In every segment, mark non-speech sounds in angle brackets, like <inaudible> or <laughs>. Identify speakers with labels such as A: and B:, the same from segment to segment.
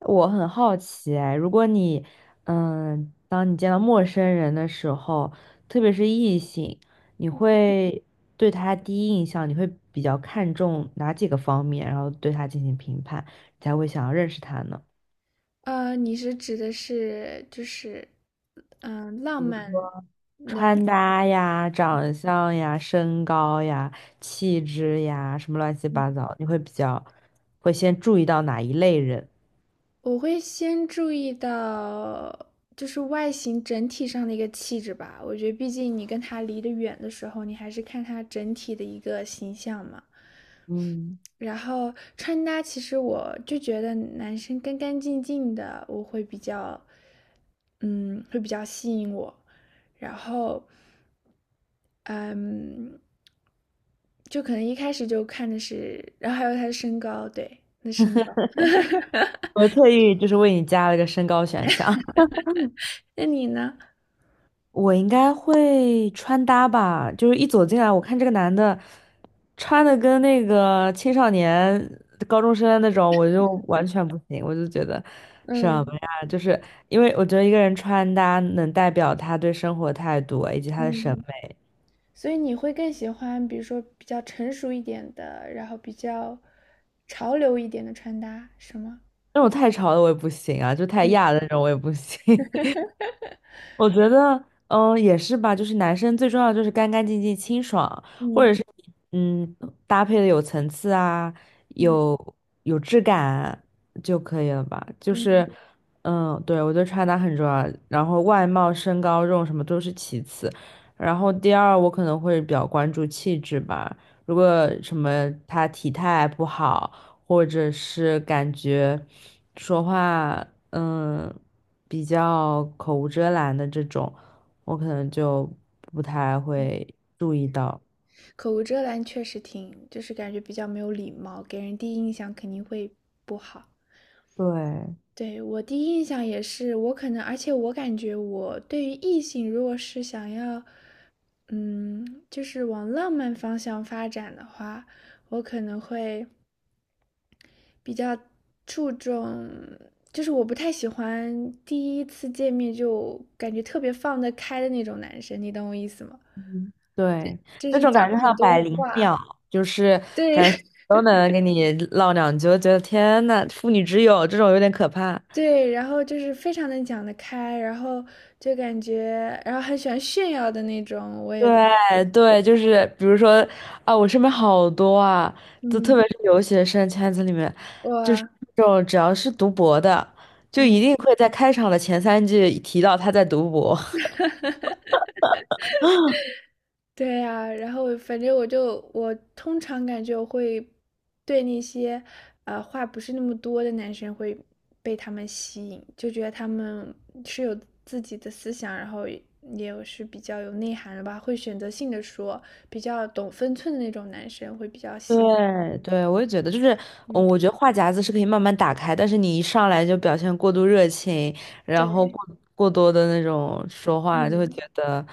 A: 我很好奇哎，如果你，当你见到陌生人的时候，特别是异性，你会对他第一印象，你会比较看重哪几个方面，然后对他进行评判，才会想要认识他呢？
B: 你是指的是就是，浪
A: 比如说
B: 漫那
A: 穿搭呀、长相呀、身高呀、气质呀，什么乱七八糟，你会比较会先注意到哪一类人？
B: 我会先注意到就是外形整体上的一个气质吧。我觉得，毕竟你跟他离得远的时候，你还是看他整体的一个形象嘛。
A: 嗯，
B: 然后穿搭，其实我就觉得男生干干净净的，我会比较，嗯，会比较吸引我。然后。嗯，就可能一开始就看的是，然后还有他的身高，对，他的身高。
A: 我特意就是为你加了个身高选项。
B: 那你呢？
A: 我应该会穿搭吧，就是一走进来，我看这个男的穿的跟那个青少年、高中生那种，我就完全不行，我就觉得什么
B: 嗯
A: 呀？就是因为我觉得一个人穿搭能代表他对生活态度啊以及他的审
B: 嗯，
A: 美，
B: 所以你会更喜欢，比如说比较成熟一点的，然后比较潮流一点的穿搭，是吗？
A: 那种太潮的我也不行啊，就太亚的
B: 嗯
A: 那种我也不行。<laughs> 我觉得，也是吧，就是男生最重要的就是干干净净、清爽，或
B: 嗯
A: 者是嗯，搭配的有层次啊，
B: 嗯
A: 有有质感就可以了吧。就
B: 嗯，
A: 是，嗯，对，我觉得穿搭很重要，然后外貌、身高、这种什么都是其次，然后第二我可能会比较关注气质吧。如果什么他体态不好，或者是感觉说话，比较口无遮拦的这种，我可能就不太会注意到。
B: 口无遮拦确实挺，就是感觉比较没有礼貌，给人第一印象肯定会不好。
A: 对
B: 对，我第一印象也是，我可能，而且我感觉我对于异性，如果是想要，就是往浪漫方向发展的话，我可能会比较注重，就是我不太喜欢第一次见面就感觉特别放得开的那种男生，你懂我意思吗？
A: 嗯，对，
B: 就
A: 那
B: 是
A: 种
B: 讲
A: 感觉
B: 很
A: 像
B: 多
A: 百灵
B: 话，
A: 鸟，就是
B: 对
A: 感觉
B: <laughs>
A: 都能跟你唠两句，我觉得天呐，妇女之友这种有点可怕。
B: 对，然后就是非常能讲得开，然后就感觉，然后很喜欢炫耀的那种，我也不太喜
A: 对
B: 欢。
A: 对，就是比如说啊，我身边好多啊，就特别
B: 嗯，
A: 是留学生圈子里面，就是
B: 我
A: 这种只要是读博的，就一
B: 嗯，
A: 定会在开场的前三句提到他在读博。
B: 对呀，然后反正我通常感觉我会对那些话不是那么多的男生会被他们吸引，就觉得他们是有自己的思想，然后也有是比较有内涵的吧，会选择性的说，比较懂分寸的那种男生会比较吸引我。
A: 对对，我也觉得，就是，
B: 嗯，
A: 我觉得话匣子是可以慢慢打开，但是你一上来就表现过度热情，然后
B: 对，
A: 过多的那种说话，就会
B: 嗯，
A: 觉得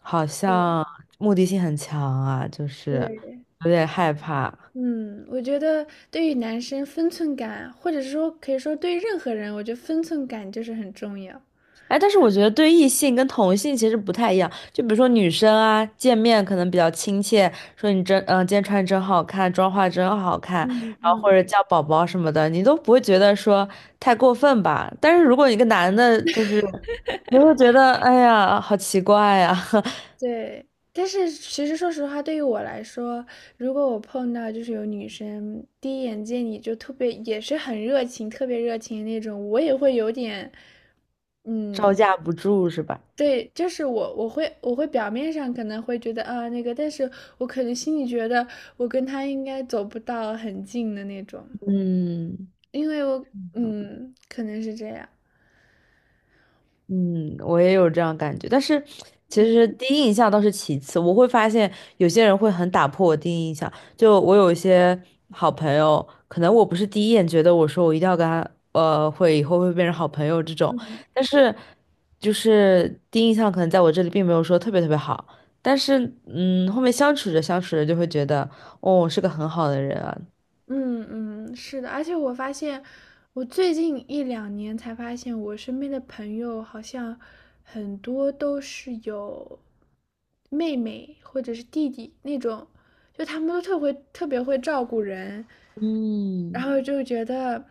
A: 好像
B: 对
A: 目的性很强啊，就是
B: 对。
A: 有点害怕。
B: 嗯，我觉得对于男生分寸感，或者是说可以说对于任何人，我觉得分寸感就是很重要。
A: 哎，但是我觉得对异性跟同性其实不太一样。就比如说女生啊，见面可能比较亲切，说你真，今天穿得真好看，妆化得真好看，
B: 嗯
A: 然后或
B: 嗯，
A: 者叫宝宝什么的，你都不会觉得说太过分吧？但是如果一个男的，就是你会觉得，哎呀，好奇怪呀、<laughs>
B: 对。但是其实说实话，对于我来说，如果我碰到就是有女生第一眼见你就特别也是很热情，特别热情的那种，我也会有点，
A: 招
B: 嗯，
A: 架不住是吧？
B: 对，就是我会表面上可能会觉得啊那个，但是我可能心里觉得我跟她应该走不到很近的那种，
A: 嗯。
B: 因为我嗯，可能是这样。
A: 嗯，我也有这样感觉，但是其
B: 嗯。
A: 实第一印象倒是其次。我会发现有些人会很打破我第一印象，就我有一些好朋友，可能我不是第一眼觉得我说我一定要跟他，会以后会变成好朋友这种，但是就是第一印象可能在我这里并没有说特别特别好，但是嗯，后面相处着相处着就会觉得，哦，是个很好的人啊。
B: 嗯嗯，是的，而且我发现，我最近一两年才发现，我身边的朋友好像很多都是有妹妹或者是弟弟那种，就他们都特别会照顾人，然
A: 嗯
B: 后就觉得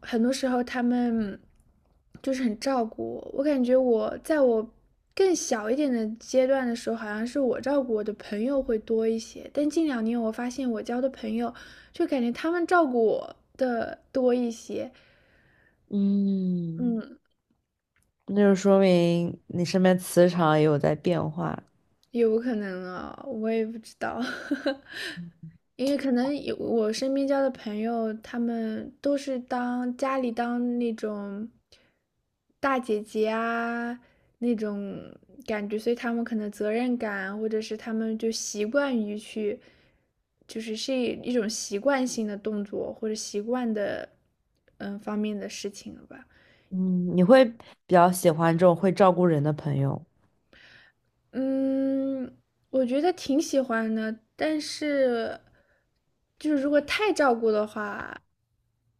B: 很多时候他们就是很照顾我。我感觉我在我更小一点的阶段的时候，好像是我照顾我的朋友会多一些。但近两年我发现我交的朋友，就感觉他们照顾我的多一些。
A: 嗯，
B: 嗯，
A: 那就说明你身边磁场也有在变化。
B: 有可能啊，我也不知道。<laughs> 因为可能有我身边交的朋友，他们都是当家里当那种大姐姐啊那种感觉，所以他们可能责任感，或者是他们就习惯于去，就是是一种习惯性的动作或者习惯的方面的事情了吧。
A: 嗯，你会比较喜欢这种会照顾人的朋友，
B: 嗯，我觉得挺喜欢的，但是就是如果太照顾的话，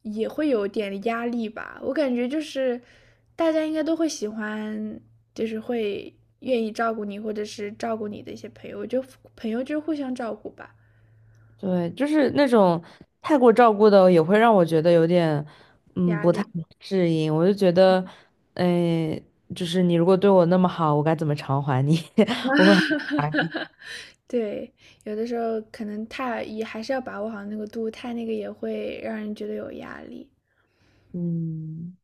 B: 也会有点压力吧。我感觉就是大家应该都会喜欢，就是会愿意照顾你，或者是照顾你的一些朋友。我觉得朋友就是互相照顾吧，
A: 对，就是那种太过照顾的，也会让我觉得有点，嗯，
B: 压
A: 不太
B: 力。
A: 适应。我就觉得，哎，就是你如果对我那么好，我该怎么偿还你？
B: 啊，
A: <laughs> 我，
B: <laughs> 对，有的时候可能太也还是要把握好那个度，太那个也会让人觉得有压力。
A: 嗯。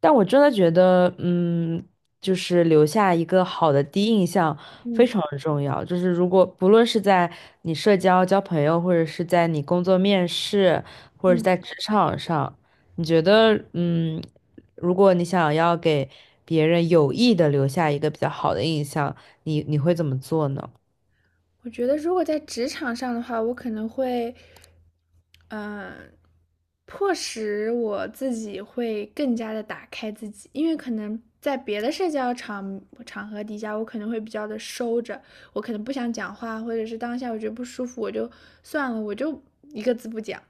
A: 但我真的觉得，嗯，就是留下一个好的第一印象非
B: 嗯
A: 常重要。就是如果不论是在你社交、交朋友，或者是在你工作面试，或者是
B: 嗯。
A: 在职场上，你觉得，嗯，如果你想要给别人有意的留下一个比较好的印象，你会怎么做呢？
B: 我觉得如果在职场上的话，我可能会，嗯、迫使我自己会更加的打开自己，因为可能在别的社交场合底下，我可能会比较的收着，我可能不想讲话，或者是当下我觉得不舒服，我就算了，我就一个字不讲，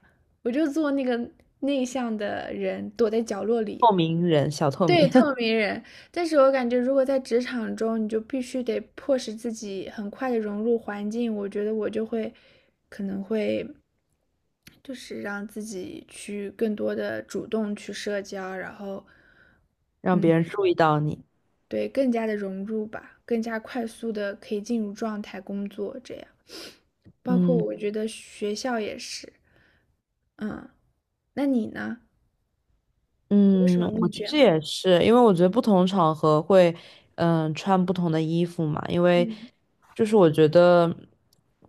B: 我就做那个内向的人，躲在角落里。
A: 透明人，小透
B: 对，
A: 明，
B: 透
A: <laughs>
B: 明人。但是我感觉，如果在职场中，你就必须得迫使自己很快的融入环境。我觉得我就会，可能会就是让自己去更多的主动去社交，然后，
A: 让
B: 嗯，
A: 别人注意到你。
B: 对，更加的融入吧，更加快速的可以进入状态工作这样。包括
A: 嗯。
B: 我觉得学校也是，嗯，那你呢？你有什
A: 嗯，
B: 么秘
A: 我其
B: 诀
A: 实
B: 吗？
A: 也是，因为我觉得不同场合会，穿不同的衣服嘛。因为
B: 嗯
A: 就是我觉得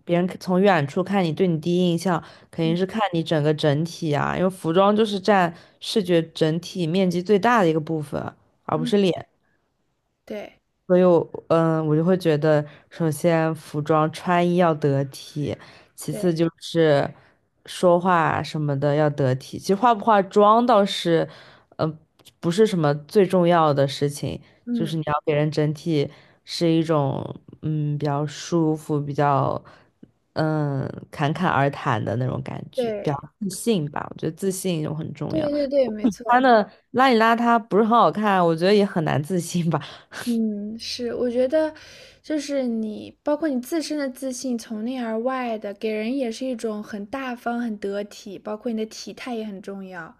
A: 别人从远处看你，对你第一印象肯定
B: 嗯
A: 是看你整个整体啊，因为服装就是占视觉整体面积最大的一个部分，而不是
B: 嗯，
A: 脸。
B: 对
A: 所以我，嗯，我就会觉得，首先服装穿衣要得体，其次
B: 对，
A: 就是说话什么的要得体。其实化不化妆倒是，嗯，不是什么最重要的事情，就是
B: 嗯
A: 你要给人整体是一种，嗯，比较舒服、比较，嗯，侃侃而谈的那种感觉，比较
B: 对
A: 自信吧。我觉得自信就很重
B: 对对
A: 要。
B: 对对，没错。
A: 穿的邋里邋遢不是很好看，我觉得也很难自信吧。
B: 嗯，是，我觉得就是你，包括你自身的自信，从内而外的，给人也是一种很大方、很得体，包括你的体态也很重要，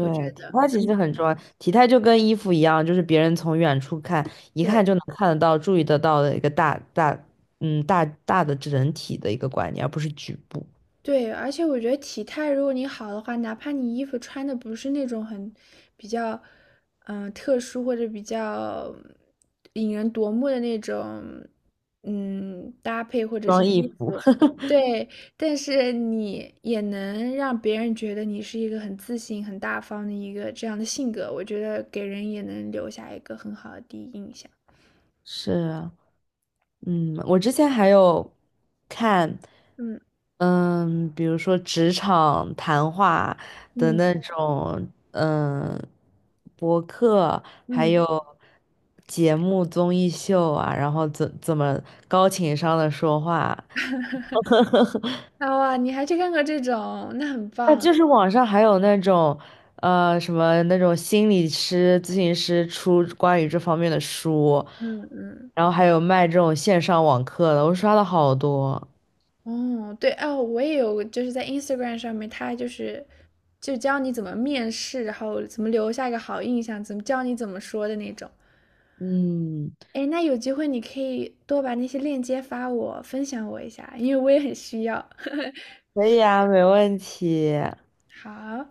B: 我觉
A: 体
B: 得，
A: 态其实
B: 嗯，
A: 很重要，体态就跟衣服一样，就是别人从远处看，一看
B: 对。
A: 就能看得到、注意得到的一个大大，嗯，大大的整体的一个观念，而不是局部。
B: 对，而且我觉得体态如果你好的话，哪怕你衣服穿的不是那种很比较特殊或者比较引人夺目的那种搭配或者是
A: 装衣
B: 衣
A: 服。
B: 服，
A: <laughs>
B: 对，但是你也能让别人觉得你是一个很自信、很大方的一个这样的性格，我觉得给人也能留下一个很好的第一印象。
A: 是啊，嗯，我之前还有看，
B: 嗯
A: 嗯，比如说职场谈话的那
B: 嗯
A: 种，嗯，博客，还
B: 嗯，
A: 有节目综艺秀啊，然后怎么高情商的说话，
B: 啊哇，你还去看过这种，那很
A: 那
B: 棒。
A: 就是网上还有那种，什么那种心理师、咨询师出关于这方面的书，
B: 嗯嗯。
A: 然后还有卖这种线上网课的，我刷了好多。
B: 哦，对哦，我也有，就是在 Instagram 上面，他就是就教你怎么面试，然后怎么留下一个好印象，怎么教你怎么说的那种。
A: 嗯，
B: 哎，那有机会你可以多把那些链接发我，分享我一下，因为我也很需要。<laughs>
A: 可以啊，没问题。
B: 好。